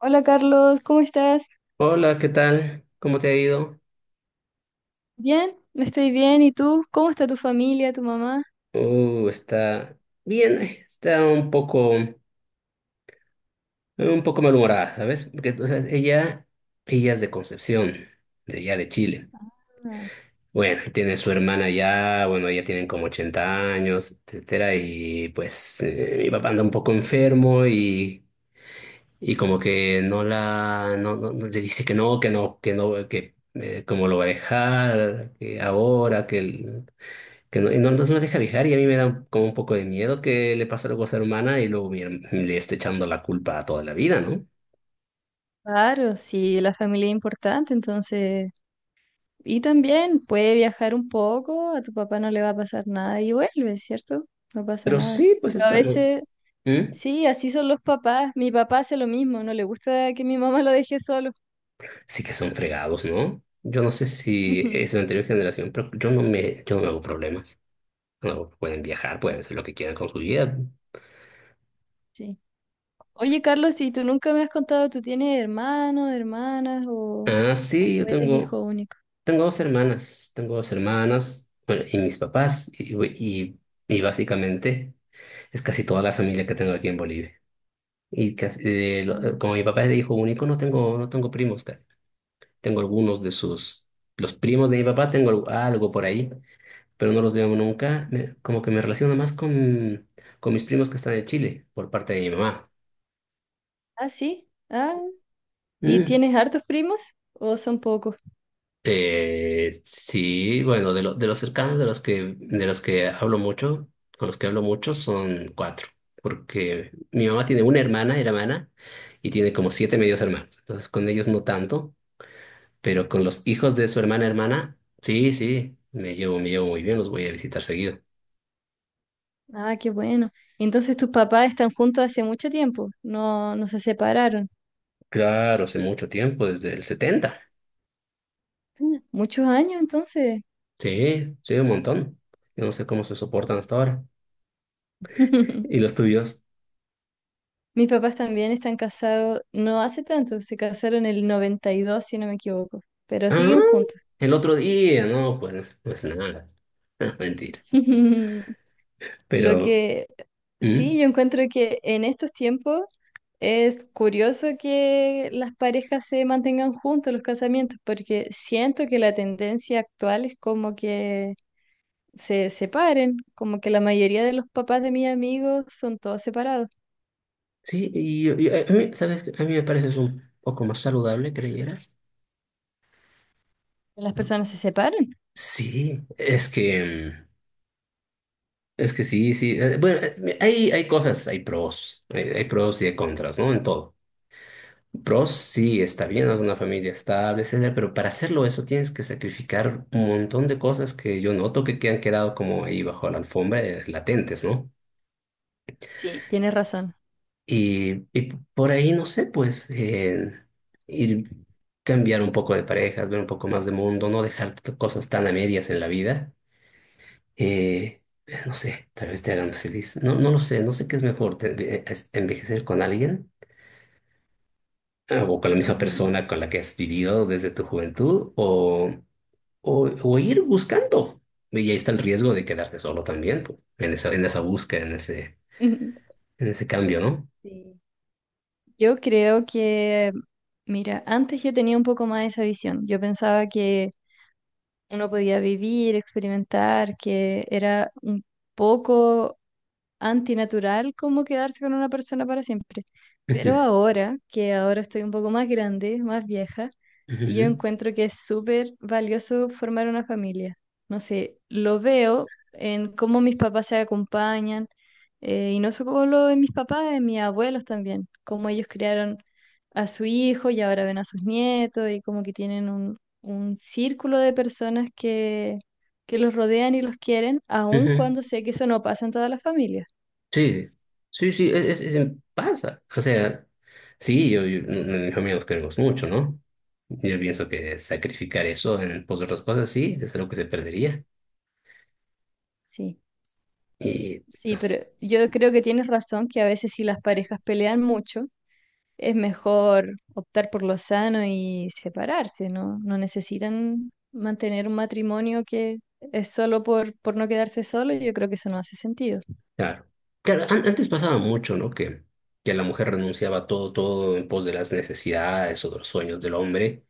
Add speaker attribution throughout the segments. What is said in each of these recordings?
Speaker 1: Hola Carlos, ¿cómo estás?
Speaker 2: Hola, ¿qué tal? ¿Cómo te ha ido?
Speaker 1: Bien, estoy bien. ¿Y tú? ¿Cómo está tu familia, tu mamá?
Speaker 2: Está bien, está un poco malhumorada, ¿sabes? Porque o sea, ella es de Concepción, de allá de Chile.
Speaker 1: Ah.
Speaker 2: Bueno, tiene su hermana ya, bueno, ya tienen como 80 años, etcétera, y pues mi papá anda un poco enfermo y, como que no, le dice que no, que no, que no, que cómo lo va a dejar, que ahora, que no, no, no nos deja viajar y a mí me da como un poco de miedo que le pase algo a ser hermana y luego le esté echando la culpa a toda la vida, ¿no?
Speaker 1: Claro, sí, la familia es importante, entonces... Y también puede viajar un poco, a tu papá no le va a pasar nada y vuelve, ¿cierto? No pasa
Speaker 2: Pero
Speaker 1: nada.
Speaker 2: sí, pues
Speaker 1: Pero a
Speaker 2: estamos.
Speaker 1: veces,
Speaker 2: ¿Mm?
Speaker 1: sí, así son los papás. Mi papá hace lo mismo, no le gusta que mi mamá lo deje solo.
Speaker 2: Sí que son fregados, ¿no? Yo no sé si es la anterior generación, pero yo no me hago problemas. No, pueden viajar,
Speaker 1: Sí,
Speaker 2: pueden hacer lo que quieran con su vida.
Speaker 1: sí. Oye Carlos, ¿y tú nunca me has contado, tú tienes hermanos, hermanas
Speaker 2: Ah,
Speaker 1: o
Speaker 2: sí,
Speaker 1: eres hijo único?
Speaker 2: tengo dos hermanas, bueno, y mis papás, y, y básicamente es casi toda la familia que tengo aquí en Bolivia. Y casi,
Speaker 1: Ah.
Speaker 2: como mi papá es de hijo único, no tengo primos, tengo algunos de los primos de mi papá, tengo algo por ahí, pero no los veo nunca. Como que me relaciono más con mis primos que están en Chile, por parte de mi mamá.
Speaker 1: Ah, sí. Ah, ¿y
Speaker 2: Mm.
Speaker 1: tienes hartos primos o son pocos?
Speaker 2: Sí, bueno, de los cercanos, de los que hablo mucho, con los que hablo mucho son cuatro, porque mi mamá tiene una hermana, hermana, y tiene como siete medios hermanos, entonces con ellos no tanto. Pero con los hijos de su hermana hermana, sí, sí, me llevo muy bien, los voy a visitar seguido.
Speaker 1: Ah, qué bueno. Entonces tus papás están juntos hace mucho tiempo, no, no se separaron.
Speaker 2: Claro, hace mucho tiempo, desde el 70.
Speaker 1: Mm. Muchos años entonces.
Speaker 2: Sí, sí, un montón. Yo no sé cómo se soportan hasta ahora. ¿Y los tuyos?
Speaker 1: Mis papás también están casados, no hace tanto, se casaron en el 92 si no me equivoco, pero
Speaker 2: Ah,
Speaker 1: siguen juntos.
Speaker 2: el otro día, no, pues nada. Mentira.
Speaker 1: Lo
Speaker 2: Pero.
Speaker 1: que
Speaker 2: ¿Mm?
Speaker 1: sí, yo encuentro que en estos tiempos es curioso que las parejas se mantengan juntos en los casamientos, porque siento que la tendencia actual es como que se separen, como que la mayoría de los papás de mis amigos son todos separados.
Speaker 2: Sí, y a mí, ¿sabes qué? A mí me parece es un poco más saludable, ¿creyeras?
Speaker 1: ¿Las personas se separan?
Speaker 2: Sí, es que es que sí, sí. Bueno, hay, cosas, hay pros, hay pros y hay contras, ¿no? En todo. Pros, sí, está bien, ¿no? Es una familia estable, etcétera, pero para hacerlo eso tienes que sacrificar un montón de cosas que yo noto que han quedado como ahí bajo la alfombra, latentes, ¿no?
Speaker 1: Sí, tienes razón.
Speaker 2: Y por ahí, no sé, pues, ir cambiar un poco de parejas, ver un poco más de mundo, no dejar cosas tan a medias en la vida. Eh, no sé, tal vez te hagan feliz. No, no lo sé, no sé qué es mejor, envejecer con alguien, o con la misma
Speaker 1: Ujú.
Speaker 2: persona con la que has vivido desde tu juventud o ir buscando. Y ahí está el riesgo de quedarte solo también, pues, en en esa búsqueda, en ese cambio, ¿no?
Speaker 1: Sí. Yo creo que, mira, antes yo tenía un poco más esa visión. Yo pensaba que uno podía vivir, experimentar, que era un poco, antinatural como quedarse con una persona para siempre. Pero
Speaker 2: Ujú,
Speaker 1: ahora, que ahora estoy un poco más grande, más vieja, yo
Speaker 2: ujú,
Speaker 1: encuentro que es súper valioso formar una familia. No sé, lo veo en cómo mis papás se acompañan, y no solo en mis papás, en mis abuelos también, cómo ellos criaron a su hijo y ahora ven a sus nietos y como que tienen un círculo de personas que los rodean y los quieren, aun
Speaker 2: ujú.
Speaker 1: cuando sé que eso no pasa en todas las familias.
Speaker 2: Sí, sí, sí, pasa. O sea, sí, en mi familia nos queremos mucho, ¿no? Yo pienso que sacrificar eso en pos de otras cosas, sí, es algo que se perdería.
Speaker 1: Sí,
Speaker 2: Y,
Speaker 1: sí, pero
Speaker 2: pues,
Speaker 1: yo creo que tienes razón que a veces si las parejas pelean mucho, es mejor optar por lo sano y separarse, ¿no? No necesitan mantener un matrimonio que es solo por, no quedarse solo, yo creo que eso no hace sentido.
Speaker 2: claro, claro, antes pasaba mucho, ¿no? Que la mujer renunciaba a todo, todo en pos de las necesidades o de los sueños del hombre.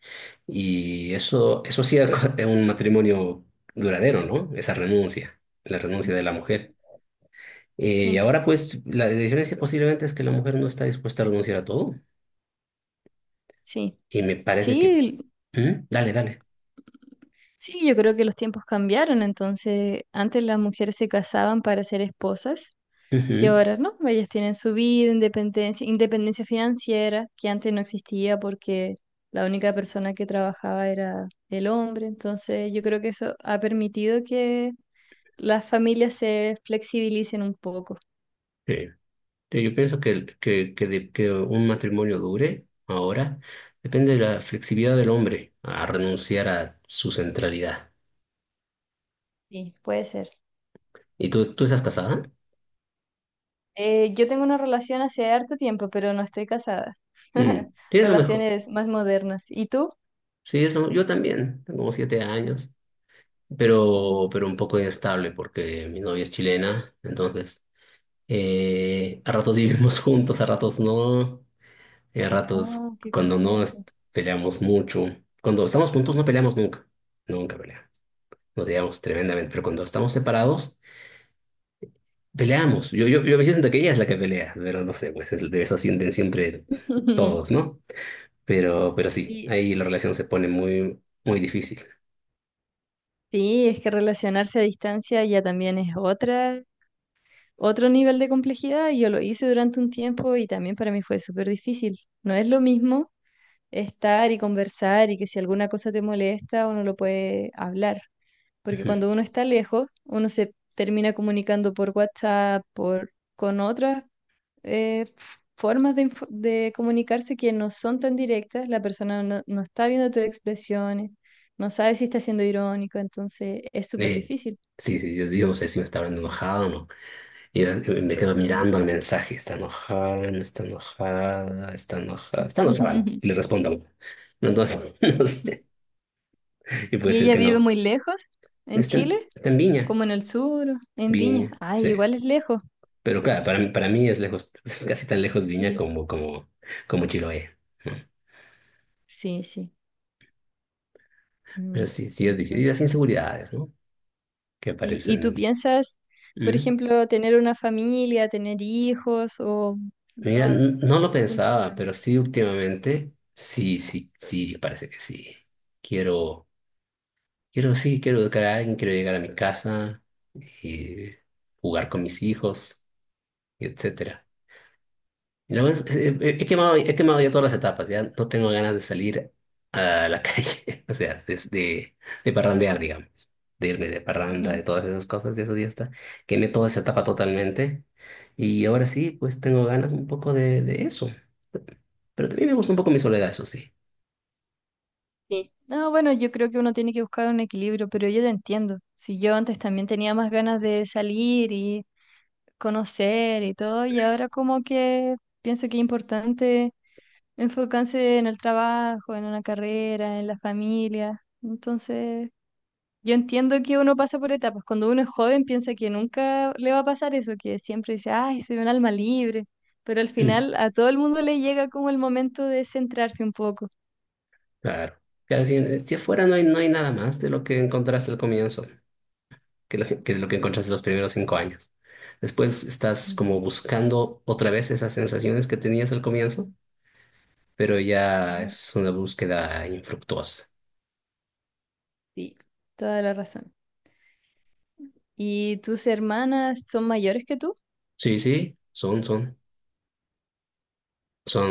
Speaker 2: Y eso hacía un matrimonio duradero, ¿no? Esa renuncia, la renuncia de la mujer. Eh,
Speaker 1: Sí,
Speaker 2: ahora, pues, la diferencia posiblemente es que la mujer no está dispuesta a renunciar a todo.
Speaker 1: sí,
Speaker 2: Y me parece que...
Speaker 1: sí,
Speaker 2: ¿Mm? Dale, dale.
Speaker 1: sí, yo creo que los tiempos cambiaron, entonces antes las mujeres se casaban para ser esposas. Y
Speaker 2: Ujú.
Speaker 1: ahora no, ellas tienen su vida, independencia financiera, que antes no existía porque la única persona que trabajaba era el hombre. Entonces yo creo que eso ha permitido que las familias se flexibilicen un poco.
Speaker 2: Sí. Sí, yo pienso que un matrimonio dure ahora depende de la flexibilidad del hombre a renunciar a su centralidad.
Speaker 1: Sí, puede ser.
Speaker 2: ¿Y tú estás casada?
Speaker 1: Yo tengo una relación hace harto tiempo, pero no estoy casada.
Speaker 2: Mm. Sí, es lo mejor.
Speaker 1: Relaciones más modernas. ¿Y tú?
Speaker 2: Sí, yo también, tengo como 7 años,
Speaker 1: Mm.
Speaker 2: pero un poco inestable porque mi novia es chilena, entonces a ratos vivimos juntos, a ratos no. Y a ratos,
Speaker 1: Ah, qué
Speaker 2: cuando no es-
Speaker 1: complejo.
Speaker 2: peleamos mucho, cuando estamos juntos no peleamos nunca, nunca peleamos, nos odiamos tremendamente, pero cuando estamos separados, peleamos. Yo a veces siento que ella es la que pelea, pero no sé, pues de eso sienten siempre todos, ¿no? Pero sí,
Speaker 1: Y
Speaker 2: ahí la relación se pone muy, muy difícil.
Speaker 1: sí, es que relacionarse a distancia ya también es otra otro nivel de complejidad y yo lo hice durante un tiempo y también para mí fue súper difícil. No es lo mismo estar y conversar y que si alguna cosa te molesta uno lo puede hablar, porque
Speaker 2: Ujú.
Speaker 1: cuando uno está lejos, uno se termina comunicando por WhatsApp, con otras eh, formas de comunicarse que no son tan directas, la persona no, está viendo tus expresiones. No sabe si está siendo irónico, entonces es súper
Speaker 2: Eh,
Speaker 1: difícil.
Speaker 2: sí, sí, yo no sé si me está hablando enojada o no. Y yo, me quedo
Speaker 1: Ujú.
Speaker 2: mirando el mensaje, está enojada, no está enojada, está enojada, está enojada, y le respondo. Entonces, no sé. Y puede
Speaker 1: ¿Y
Speaker 2: ser
Speaker 1: ella
Speaker 2: que
Speaker 1: vive
Speaker 2: no.
Speaker 1: muy lejos? ¿En Chile?
Speaker 2: Está en Viña.
Speaker 1: ¿Como en el sur? ¿En Viña?
Speaker 2: Viña,
Speaker 1: Ay,
Speaker 2: sí.
Speaker 1: igual es lejos.
Speaker 2: Pero claro, para mí es lejos, es casi tan lejos Viña
Speaker 1: Sí,
Speaker 2: como, como Chiloé, ¿no?
Speaker 1: sí, sí.
Speaker 2: Pero
Speaker 1: Mm,
Speaker 2: sí, sí es difícil. Y
Speaker 1: entonces,
Speaker 2: las inseguridades, ¿no? Que
Speaker 1: ¿y, tú
Speaker 2: aparecen.
Speaker 1: piensas, por
Speaker 2: Mm.
Speaker 1: ejemplo, tener una familia, tener hijos o
Speaker 2: Mira,
Speaker 1: no,
Speaker 2: no lo
Speaker 1: no son tus
Speaker 2: pensaba,
Speaker 1: planes?
Speaker 2: pero sí últimamente, sí, sí, sí, parece que sí. Quiero, Quiero, sí, quiero educar a alguien, quiero llegar a mi casa y jugar con mis hijos, y etcétera. Lo es- he he quemado, ya todas las etapas, ya no tengo ganas de salir a la calle, o sea, desde de parrandear, digamos, de irme de parranda, de
Speaker 1: Ujú.
Speaker 2: todas esas cosas, de eso ya está. Quemé toda esa etapa totalmente y ahora sí, pues tengo ganas un poco de eso, pero también me gusta un poco mi soledad, eso sí.
Speaker 1: Sí. No, bueno, yo creo que uno tiene que buscar un equilibrio, pero yo te entiendo. Si yo antes también tenía más ganas de salir y conocer y todo, y ahora como que pienso que es importante enfocarse en el trabajo, en una carrera, en la familia. Entonces, yo entiendo que uno pasa por etapas. Cuando uno es joven piensa que nunca le va a pasar eso, que siempre dice, ay, soy un alma libre. Pero al
Speaker 2: Mm,
Speaker 1: final a todo el mundo le llega como el momento de centrarse un poco.
Speaker 2: claro. Claro, si afuera no hay, nada más de lo que encontraste al comienzo, que lo que encontraste los primeros 5 años. Después estás como
Speaker 1: Ujú,
Speaker 2: buscando otra vez esas sensaciones que tenías al comienzo, pero ya
Speaker 1: ujú.
Speaker 2: es una búsqueda infructuosa.
Speaker 1: Sí. Toda la razón. ¿Y tus hermanas son mayores que tú?
Speaker 2: Sí, sí,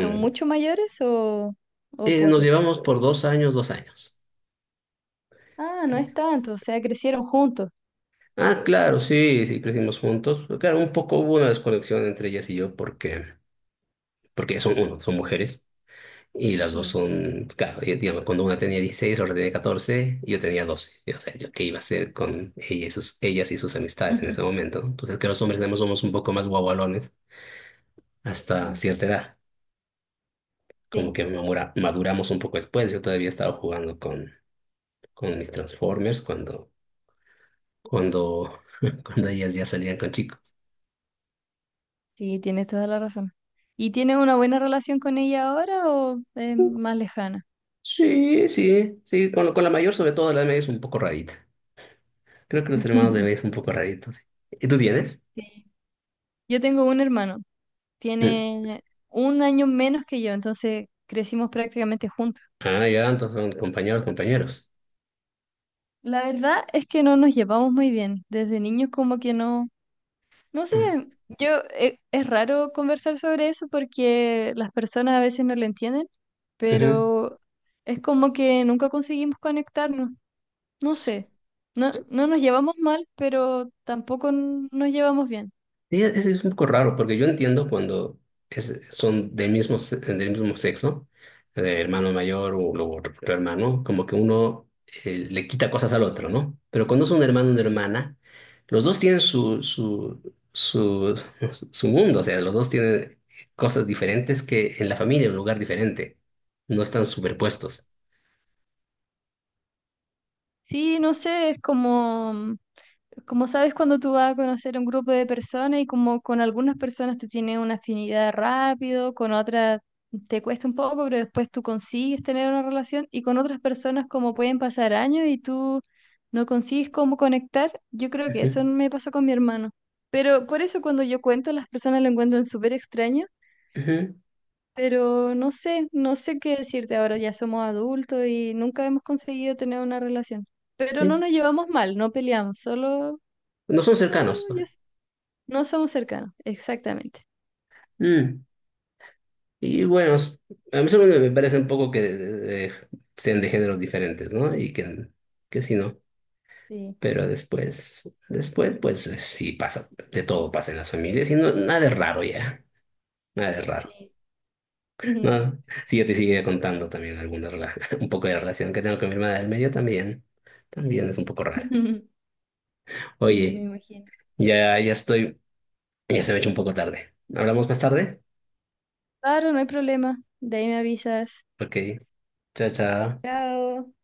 Speaker 1: ¿Son mucho mayores o,
Speaker 2: Nos
Speaker 1: poco?
Speaker 2: llevamos por 2 años.
Speaker 1: Ah, no es tanto, o sea, crecieron juntos.
Speaker 2: Ah, claro, sí, sí, crecimos juntos. Pero claro, un poco hubo una desconexión entre ellas y yo porque son mujeres y las dos
Speaker 1: Sí,
Speaker 2: son, claro, y, digamos, cuando una tenía 16 otra tenía 14 y yo tenía 12. Y, o sea, yo qué iba a hacer con ella ellas y sus amistades en ese momento, ¿no? Entonces, que los hombres tenemos somos un poco más guagualones hasta
Speaker 1: sí,
Speaker 2: cierta edad. Como
Speaker 1: sí,
Speaker 2: que maduramos un poco después. Yo todavía estaba jugando con mis Transformers cuando, cuando ellas ya salían con chicos.
Speaker 1: sí, tienes toda la razón. ¿Y tienes una buena relación con ella ahora o es más lejana?
Speaker 2: Sí, sí, sí, con la mayor, sobre todo la de medio es un poco rarita. Creo que los hermanos de medio es un poco raritos. ¿Y tú tienes?
Speaker 1: Sí. Yo tengo un hermano,
Speaker 2: Mm.
Speaker 1: tiene un año menos que yo, entonces crecimos prácticamente juntos.
Speaker 2: Ah, ya, entonces son compañeros, compañeros.
Speaker 1: La verdad es que no nos llevamos muy bien. Desde niños como que no, no sé,
Speaker 2: Mm.
Speaker 1: yo es raro conversar sobre eso porque las personas a veces no lo entienden,
Speaker 2: Ujú.
Speaker 1: pero es como que nunca conseguimos conectarnos. No sé, no nos llevamos mal, pero tampoco nos llevamos bien.
Speaker 2: Sí, es un poco raro porque yo entiendo cuando son del mismo sexo, hermano mayor o otro hermano, como que uno le quita cosas al otro, ¿no? Pero cuando es un hermano o una hermana, los dos tienen su, su mundo, o sea, los dos tienen cosas diferentes que en la familia, en un lugar diferente, no están superpuestos.
Speaker 1: Sí, no sé, es como, como sabes cuando tú vas a conocer un grupo de personas y como con algunas personas tú tienes una afinidad rápido, con otras te cuesta un poco, pero después tú consigues tener una relación y con otras personas como pueden pasar años y tú no consigues cómo conectar. Yo creo que eso
Speaker 2: Ujú,
Speaker 1: me pasó con mi hermano. Pero por eso cuando yo cuento, las personas lo encuentran súper extraño,
Speaker 2: ujú,
Speaker 1: pero no sé, qué decirte ahora, ya somos adultos y nunca hemos conseguido tener una relación. Pero no
Speaker 2: sí.
Speaker 1: nos llevamos mal, no peleamos, solo,
Speaker 2: No son
Speaker 1: solo
Speaker 2: cercanos.
Speaker 1: ya no somos cercanos, exactamente.
Speaker 2: Mm. Y bueno, a mí solo me parece un poco que sean de géneros diferentes, ¿no? Y que sí, ¿no?
Speaker 1: Sí,
Speaker 2: Pero después, después, pues sí pasa, de todo pasa en las familias y no, nada es raro ya, nada es raro,
Speaker 1: sí.
Speaker 2: ¿no? Sí, yo te sigue contando también algunas, un poco de la relación que tengo con mi hermana del medio también, también es un poco rara.
Speaker 1: Sí, yo me
Speaker 2: Oye,
Speaker 1: imagino.
Speaker 2: ya estoy, ya se me ha hecho un poco tarde. ¿Hablamos más tarde?
Speaker 1: Claro, no hay problema. De ahí me avisas.
Speaker 2: Ok, chao, chao.
Speaker 1: Chao.